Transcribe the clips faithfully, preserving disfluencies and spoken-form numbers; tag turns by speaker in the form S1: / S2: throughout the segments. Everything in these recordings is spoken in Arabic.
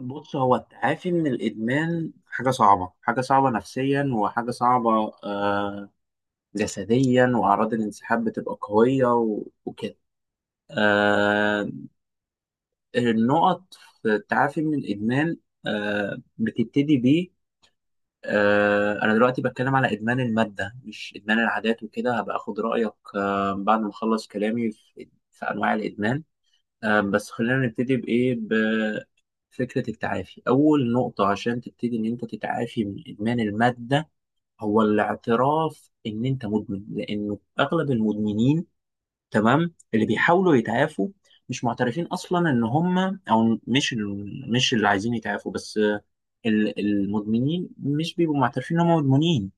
S1: بص، هو التعافي من الإدمان حاجة صعبة، حاجة صعبة نفسيا وحاجة صعبة آه جسديا، وأعراض الانسحاب بتبقى قوية و- وكده. آه النقط في التعافي من الإدمان آه بتبتدي بيه. آه أنا دلوقتي بتكلم على إدمان المادة مش إدمان العادات وكده، هبقى أخد رأيك آه بعد ما أخلص كلامي في في أنواع الإدمان. آه، بس خلينا نبتدي بإيه، بفكرة التعافي. أول نقطة عشان تبتدي إن أنت تتعافي من إدمان المادة هو الاعتراف إن أنت مدمن، لأنه أغلب المدمنين، تمام، اللي بيحاولوا يتعافوا مش معترفين أصلا إن هم، أو مش ال- مش اللي عايزين يتعافوا. بس آه، ال- المدمنين مش بيبقوا معترفين إن هم مدمنين.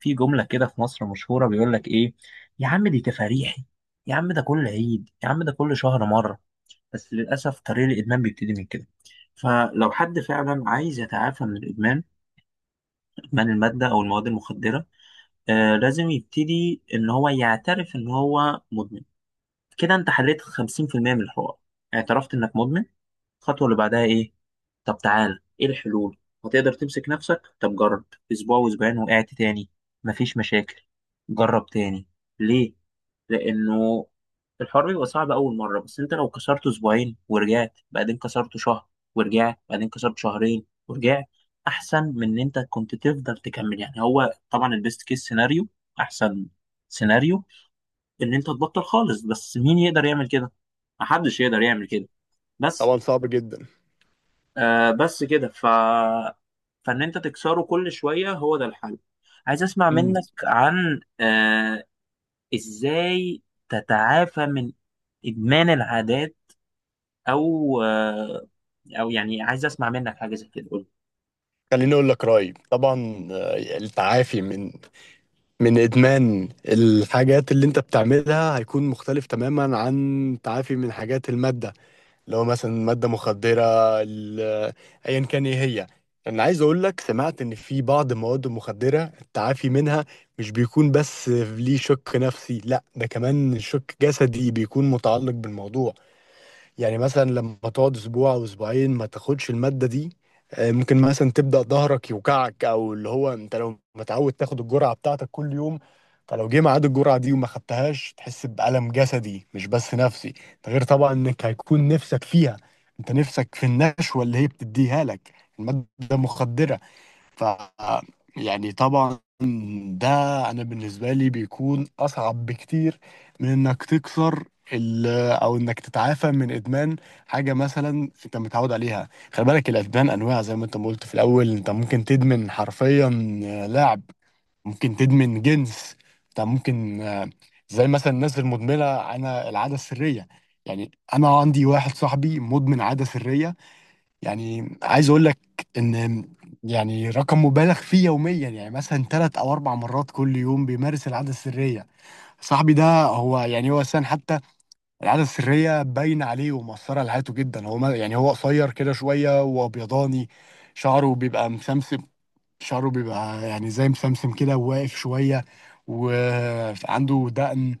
S1: في جملة كده في مصر مشهورة، بيقول لك إيه، يا عم دي تفاريحي، يا عم ده كل عيد، يا عم ده كل شهر مرة. بس للأسف طريق الإدمان بيبتدي من كده. فلو حد فعلا عايز يتعافى من الإدمان، إدمان المادة أو المواد المخدرة، آه لازم يبتدي إن هو يعترف إن هو مدمن. كده أنت حليت خمسين في المية من الحوار، اعترفت إنك مدمن. الخطوة اللي بعدها إيه؟ طب تعال، إيه الحلول؟ هتقدر تمسك نفسك؟ طب جرب. أسبوع وأسبوعين، وقعت تاني، مفيش مشاكل، جرب تاني. ليه؟ لانه الحوار بيبقى صعب اول مره، بس انت لو كسرته اسبوعين ورجعت، بعدين كسرته شهر ورجعت، بعدين كسرت شهرين ورجعت، احسن من ان انت كنت تفضل تكمل. يعني هو طبعا البيست كيس سيناريو، احسن سيناريو، ان انت تبطل خالص، بس مين يقدر يعمل كده؟ محدش يقدر يعمل كده. بس
S2: طبعا صعب جدا.
S1: آه بس كده. ف فان انت تكسره كل شويه، هو ده الحل. عايز اسمع
S2: مم.
S1: منك عن آه، ازاي تتعافى من ادمان العادات، او آه، او يعني عايز اسمع منك حاجه زي كده. قول.
S2: خليني اقول لك رايي. طبعا، آه، التعافي من من ادمان الحاجات اللي انت بتعملها هيكون مختلف تماما عن تعافي من حاجات الماده. لو مثلا ماده مخدره، ال- آه، ايا كان ايه هي. انا عايز اقول لك سمعت ان في بعض المواد المخدره التعافي منها مش بيكون بس ليه شك نفسي، لا ده كمان شك جسدي بيكون متعلق بالموضوع. يعني مثلا لما تقعد اسبوع او اسبوعين ما تاخدش المادة دي، آه، ممكن مثلا تبدأ ظهرك يوجعك، او اللي هو انت لو متعود تاخد الجرعة بتاعتك كل يوم. فلو جه ميعاد الجرعة دي وما خدتهاش تحس بألم جسدي مش بس نفسي. ده غير طبعا انك هيكون نفسك فيها، انت نفسك في النشوة اللي هي بتديها لك المادة مخدرة. ف يعني طبعا، ده انا بالنسبه لي بيكون اصعب بكتير من انك تكسر ال- او انك تتعافى من ادمان حاجه مثلا انت متعود عليها. خلي بالك الادمان انواع، زي ما انت ما قلت في الاول انت ممكن تدمن حرفيا لعب، ممكن تدمن جنس، انت ممكن آه، زي مثلا الناس المدمنه انا العاده السريه. يعني انا عندي واحد صاحبي مدمن عاده سريه. يعني عايز اقول لك ان يعني رقم مبالغ فيه يوميا، يعني مثلا ثلاث او اربع مرات كل يوم بيمارس العاده السريه. صاحبي ده هو يعني هو اساسا حتى العاده السريه باينه عليه ومؤثره على حياته جدا. هو ما- يعني هو قصير كده شويه وابيضاني، شعره بيبقى مسمسم، شعره بيبقى يعني زي مسمسم كده وواقف شويه، وعنده دقن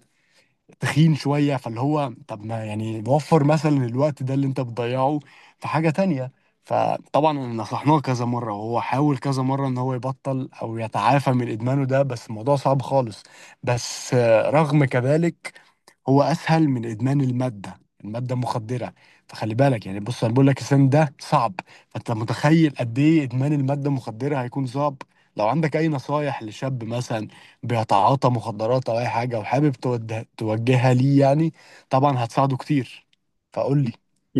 S2: تخين شوية. فاللي هو طب ما يعني وفر مثلا الوقت ده اللي انت بتضيعه في حاجة تانية. فطبعا نصحناه كذا مرة وهو حاول كذا مرة ان هو يبطل او يتعافى من ادمانه ده، بس الموضوع صعب خالص. بس آه، رغم كذلك هو اسهل من ادمان الماده. الماده مخدره. فخلي بالك يعني. بص انا بقول لك السن ده صعب، فانت متخيل قد ايه ادمان الماده المخدره هيكون صعب. لو عندك اي نصايح لشاب مثلا بيتعاطى مخدرات او اي حاجه وحابب توده- توجهها ليه، يعني طبعا هتساعده كتير. فقول لي.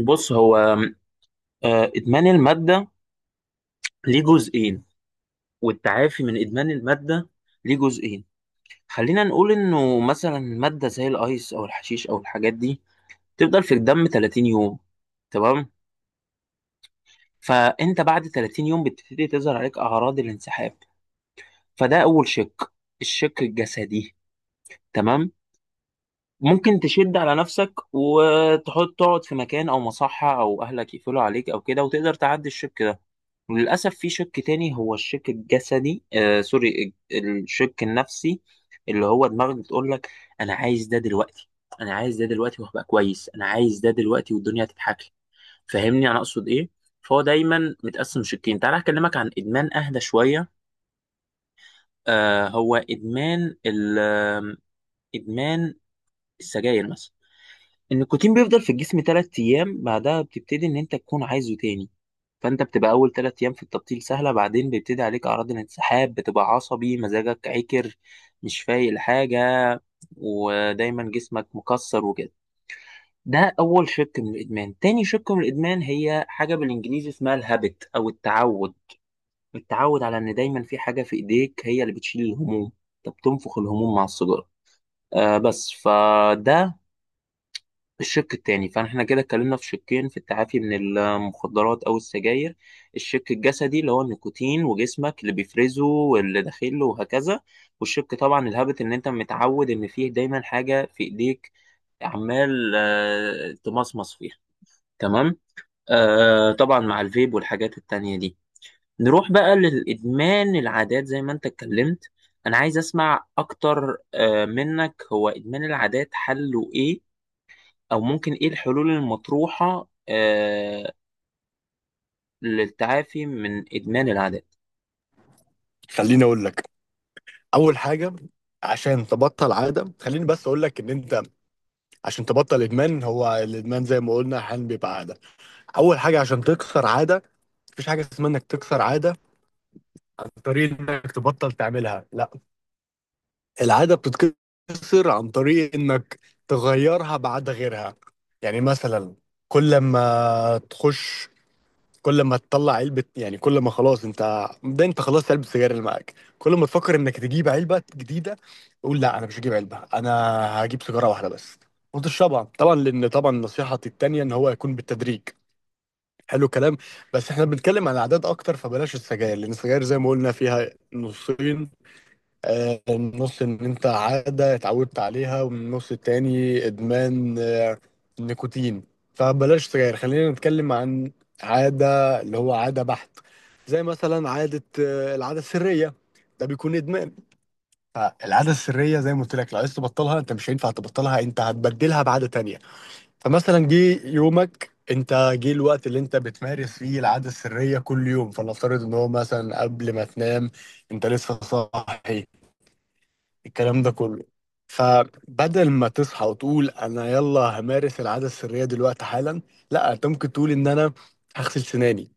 S1: بص هو آه، ادمان الماده ليه جزئين، والتعافي من ادمان الماده ليه جزئين. خلينا نقول انه مثلا ماده زي الايس او الحشيش او الحاجات دي تفضل في الدم تلاتين يوم، تمام؟ فانت بعد تلاتين يوم بتبتدي تظهر عليك اعراض الانسحاب. فده اول شق، الشق الجسدي، تمام. ممكن تشد على نفسك وتحط تقعد في مكان او مصحة او اهلك يقفلوا عليك او كده، وتقدر تعدي الشك ده. وللاسف في شك تاني، هو الشك الجسدي، آه سوري، الشك النفسي، اللي هو دماغك بتقول لك انا عايز ده دلوقتي، انا عايز ده دلوقتي وهبقى كويس، انا عايز ده دلوقتي والدنيا هتضحك لي. فاهمني انا اقصد ايه؟ فهو دايما متقسم شقين. تعالى اكلمك عن ادمان اهدى شوية. آه هو ادمان ال آه، ادمان السجاير مثلا. ان الكوتين بيفضل في الجسم تلات ايام، بعدها بتبتدي ان انت تكون عايزه تاني. فانت بتبقى اول تلات ايام في التبطيل سهله، بعدين بيبتدي عليك اعراض الانسحاب، بتبقى عصبي، مزاجك عكر، مش فايق لحاجه، ودايما جسمك مكسر وكده. ده اول شق من الادمان. تاني شق من الادمان هي حاجه بالانجليزي اسمها الهابت او التعود، التعود على ان دايما في حاجه في ايديك هي اللي بتشيل الهموم. انت بتنفخ الهموم مع السيجاره. آه بس فده الشق التاني. فاحنا كده اتكلمنا في شقين في التعافي من المخدرات او السجاير، الشق الجسدي اللي هو النيكوتين وجسمك اللي بيفرزه واللي داخله وهكذا، والشق طبعا الهابت، ان انت متعود ان فيه دايما حاجة في ايديك عمال آه، تمصمص فيها. تمام. آه طبعا مع الفيب والحاجات التانية دي. نروح بقى للإدمان العادات زي ما انت اتكلمت. انا عايز اسمع اكتر آه منك، هو إدمان العادات حله ايه، او ممكن ايه الحلول المطروحة آه للتعافي من ادمان العادات.
S2: خليني اقول لك اول حاجه عشان تبطل عاده، خليني بس اقول لك ان انت عشان تبطل ادمان، هو الادمان زي ما قلنا احيانا بيبقى عاده. اول حاجه عشان تكسر عاده، مفيش حاجه اسمها انك تكسر عاده، طريقة انك تبطل تعملها لا، العادة بتتكسر عن طريق انك تغيرها بعادة غيرها. يعني مثلا كل ما تخش كل ما تطلع علبة، يعني كل ما خلاص انت ده انت خلاص علبة السجاير اللي معاك، كل ما تفكر انك تجيب علبة جديدة قول لا انا مش هجيب علبة، انا هجيب سيجارة واحدة بس وتشربها. طبعا لان طبعا نصيحتي التانية ان هو يكون بالتدريج. حلو كلام. بس احنا بنتكلم عن الاعداد اكتر، فبلاش السجاير، لان السجاير زي ما قلنا فيها نصين، النص ان انت عادة اتعودت عليها، ومن النص التاني ادمان آه، نيكوتين. فبلاش سجاير، خلينا نتكلم عن عادة، اللي هو عادة بحت، زي مثلا عادة آه، العادة السرية، ده بيكون ادمان. فالعادة السرية زي ما قلت لك لو عايز تبطلها انت مش هينفع تبطلها، انت هتبدلها بعادة تانية. فمثلا جه يومك، انت جه الوقت اللي انت بتمارس فيه العادة السرية كل يوم، فلنفترض ان هو مثلا قبل ما تنام انت لسه صاحي الكلام ده كله، فبدل ما تصحى وتقول انا يلا همارس العادة السرية دلوقتي حالا، لا انت ممكن تقول ان انا هغسل سناني،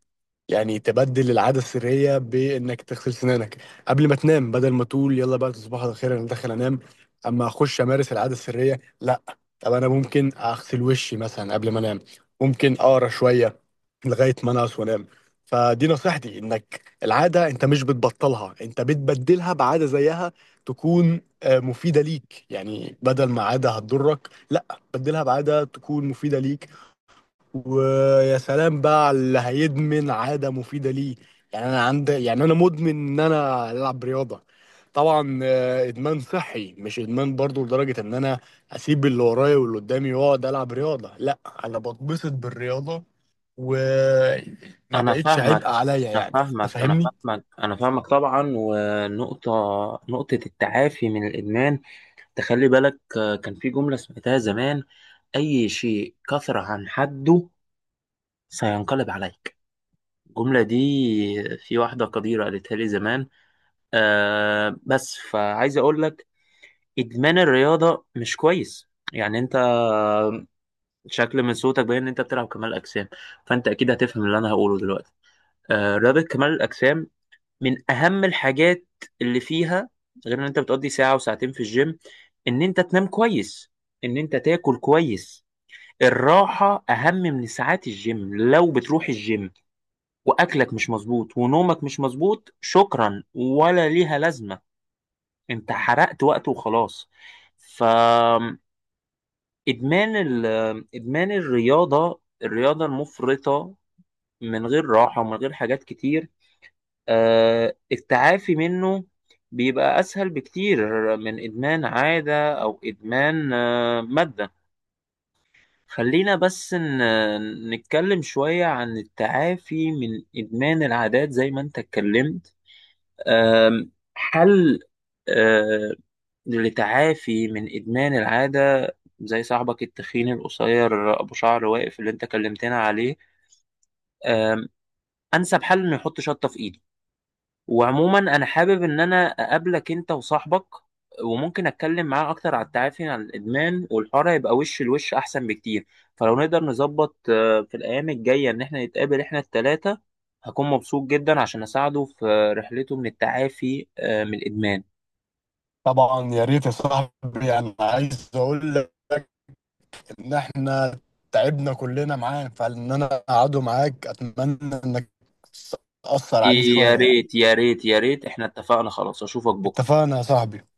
S2: يعني تبدل العادة السرية بإنك تغسل سنانك قبل ما تنام. بدل ما تقول يلا بقى تصبح على خير أنا داخل أنام، أما أخش أمارس العادة السرية لأ. طب أنا ممكن أغسل وشي مثلا قبل ما أنام، ممكن أقرأ شوية لغاية ما أنعس وأنام. فدي نصيحتي إنك العادة أنت مش بتبطلها، أنت بتبدلها بعادة زيها تكون آه، مفيدة ليك. يعني بدل ما عادة هتضرك، لأ، بدلها بعادة تكون مفيدة ليك. ويا سلام بقى على اللي هيدمن عادة مفيدة ليه. يعني انا عند، يعني انا مدمن ان انا العب رياضة. طبعا آه، ادمان صحي مش ادمان برضو لدرجة ان انا اسيب اللي ورايا واللي قدامي واقعد العب رياضة لا. انا بتبسط بالرياضة وما
S1: انا
S2: بقتش عبء
S1: فاهمك
S2: عليا،
S1: انا
S2: يعني أنت
S1: فاهمك انا
S2: فاهمني.
S1: فاهمك انا فاهمك طبعا. ونقطة، نقطة التعافي من الادمان، تخلي بالك، آه، كان في جملة سمعتها زمان، اي شيء كثر عن حده سينقلب عليك. الجملة دي في واحدة قديرة قالتها لي زمان. آه بس فعايز اقول لك، ادمان الرياضة مش كويس. يعني انت شكل من صوتك باين ان انت بتلعب كمال اجسام، فانت اكيد هتفهم اللي انا هقوله دلوقتي. آه، رياضه كمال الاجسام من اهم الحاجات اللي فيها، غير ان انت بتقضي ساعه وساعتين في الجيم، ان انت تنام كويس، ان انت تاكل كويس. الراحه اهم من ساعات الجيم. لو بتروح الجيم واكلك مش مظبوط ونومك مش مظبوط، شكرا ولا ليها لازمه، انت حرقت وقت وخلاص. ف ادمان ال- ادمان الرياضه، الرياضه المفرطه من غير راحة ومن غير حاجات كتير، آه، التعافي منه بيبقى أسهل بكتير من إدمان عادة أو إدمان آه، مادة. خلينا بس ن- نتكلم شوية عن التعافي من إدمان العادات زي ما أنت اتكلمت. آم، حل، آه، للتعافي من إدمان العادة زي صاحبك التخين القصير أبو شعر واقف اللي أنت كلمتنا عليه، آم، أنسب حل إنه يحط شطة في إيده. وعموما انا حابب ان انا اقابلك انت وصاحبك، وممكن اتكلم معاه اكتر على التعافي عن الادمان، والحوار هيبقى وش لوش احسن بكتير. فلو نقدر نظبط آه، في الايام الجايه ان احنا نتقابل احنا التلاتة، هكون مبسوط جدا عشان اساعده في رحلته من التعافي آه، من الادمان.
S2: طبعا يا ريت يا صاحبي. انا عايز اقول لك ان احنا تعبنا كلنا معاه، فان انا اقعده معاك اتمنى انك تاثر عليه
S1: يا
S2: شويه يعني.
S1: ريت يا ريت يا ريت، احنا اتفقنا خلاص، اشوفك بكره.
S2: اتفقنا يا صاحبي.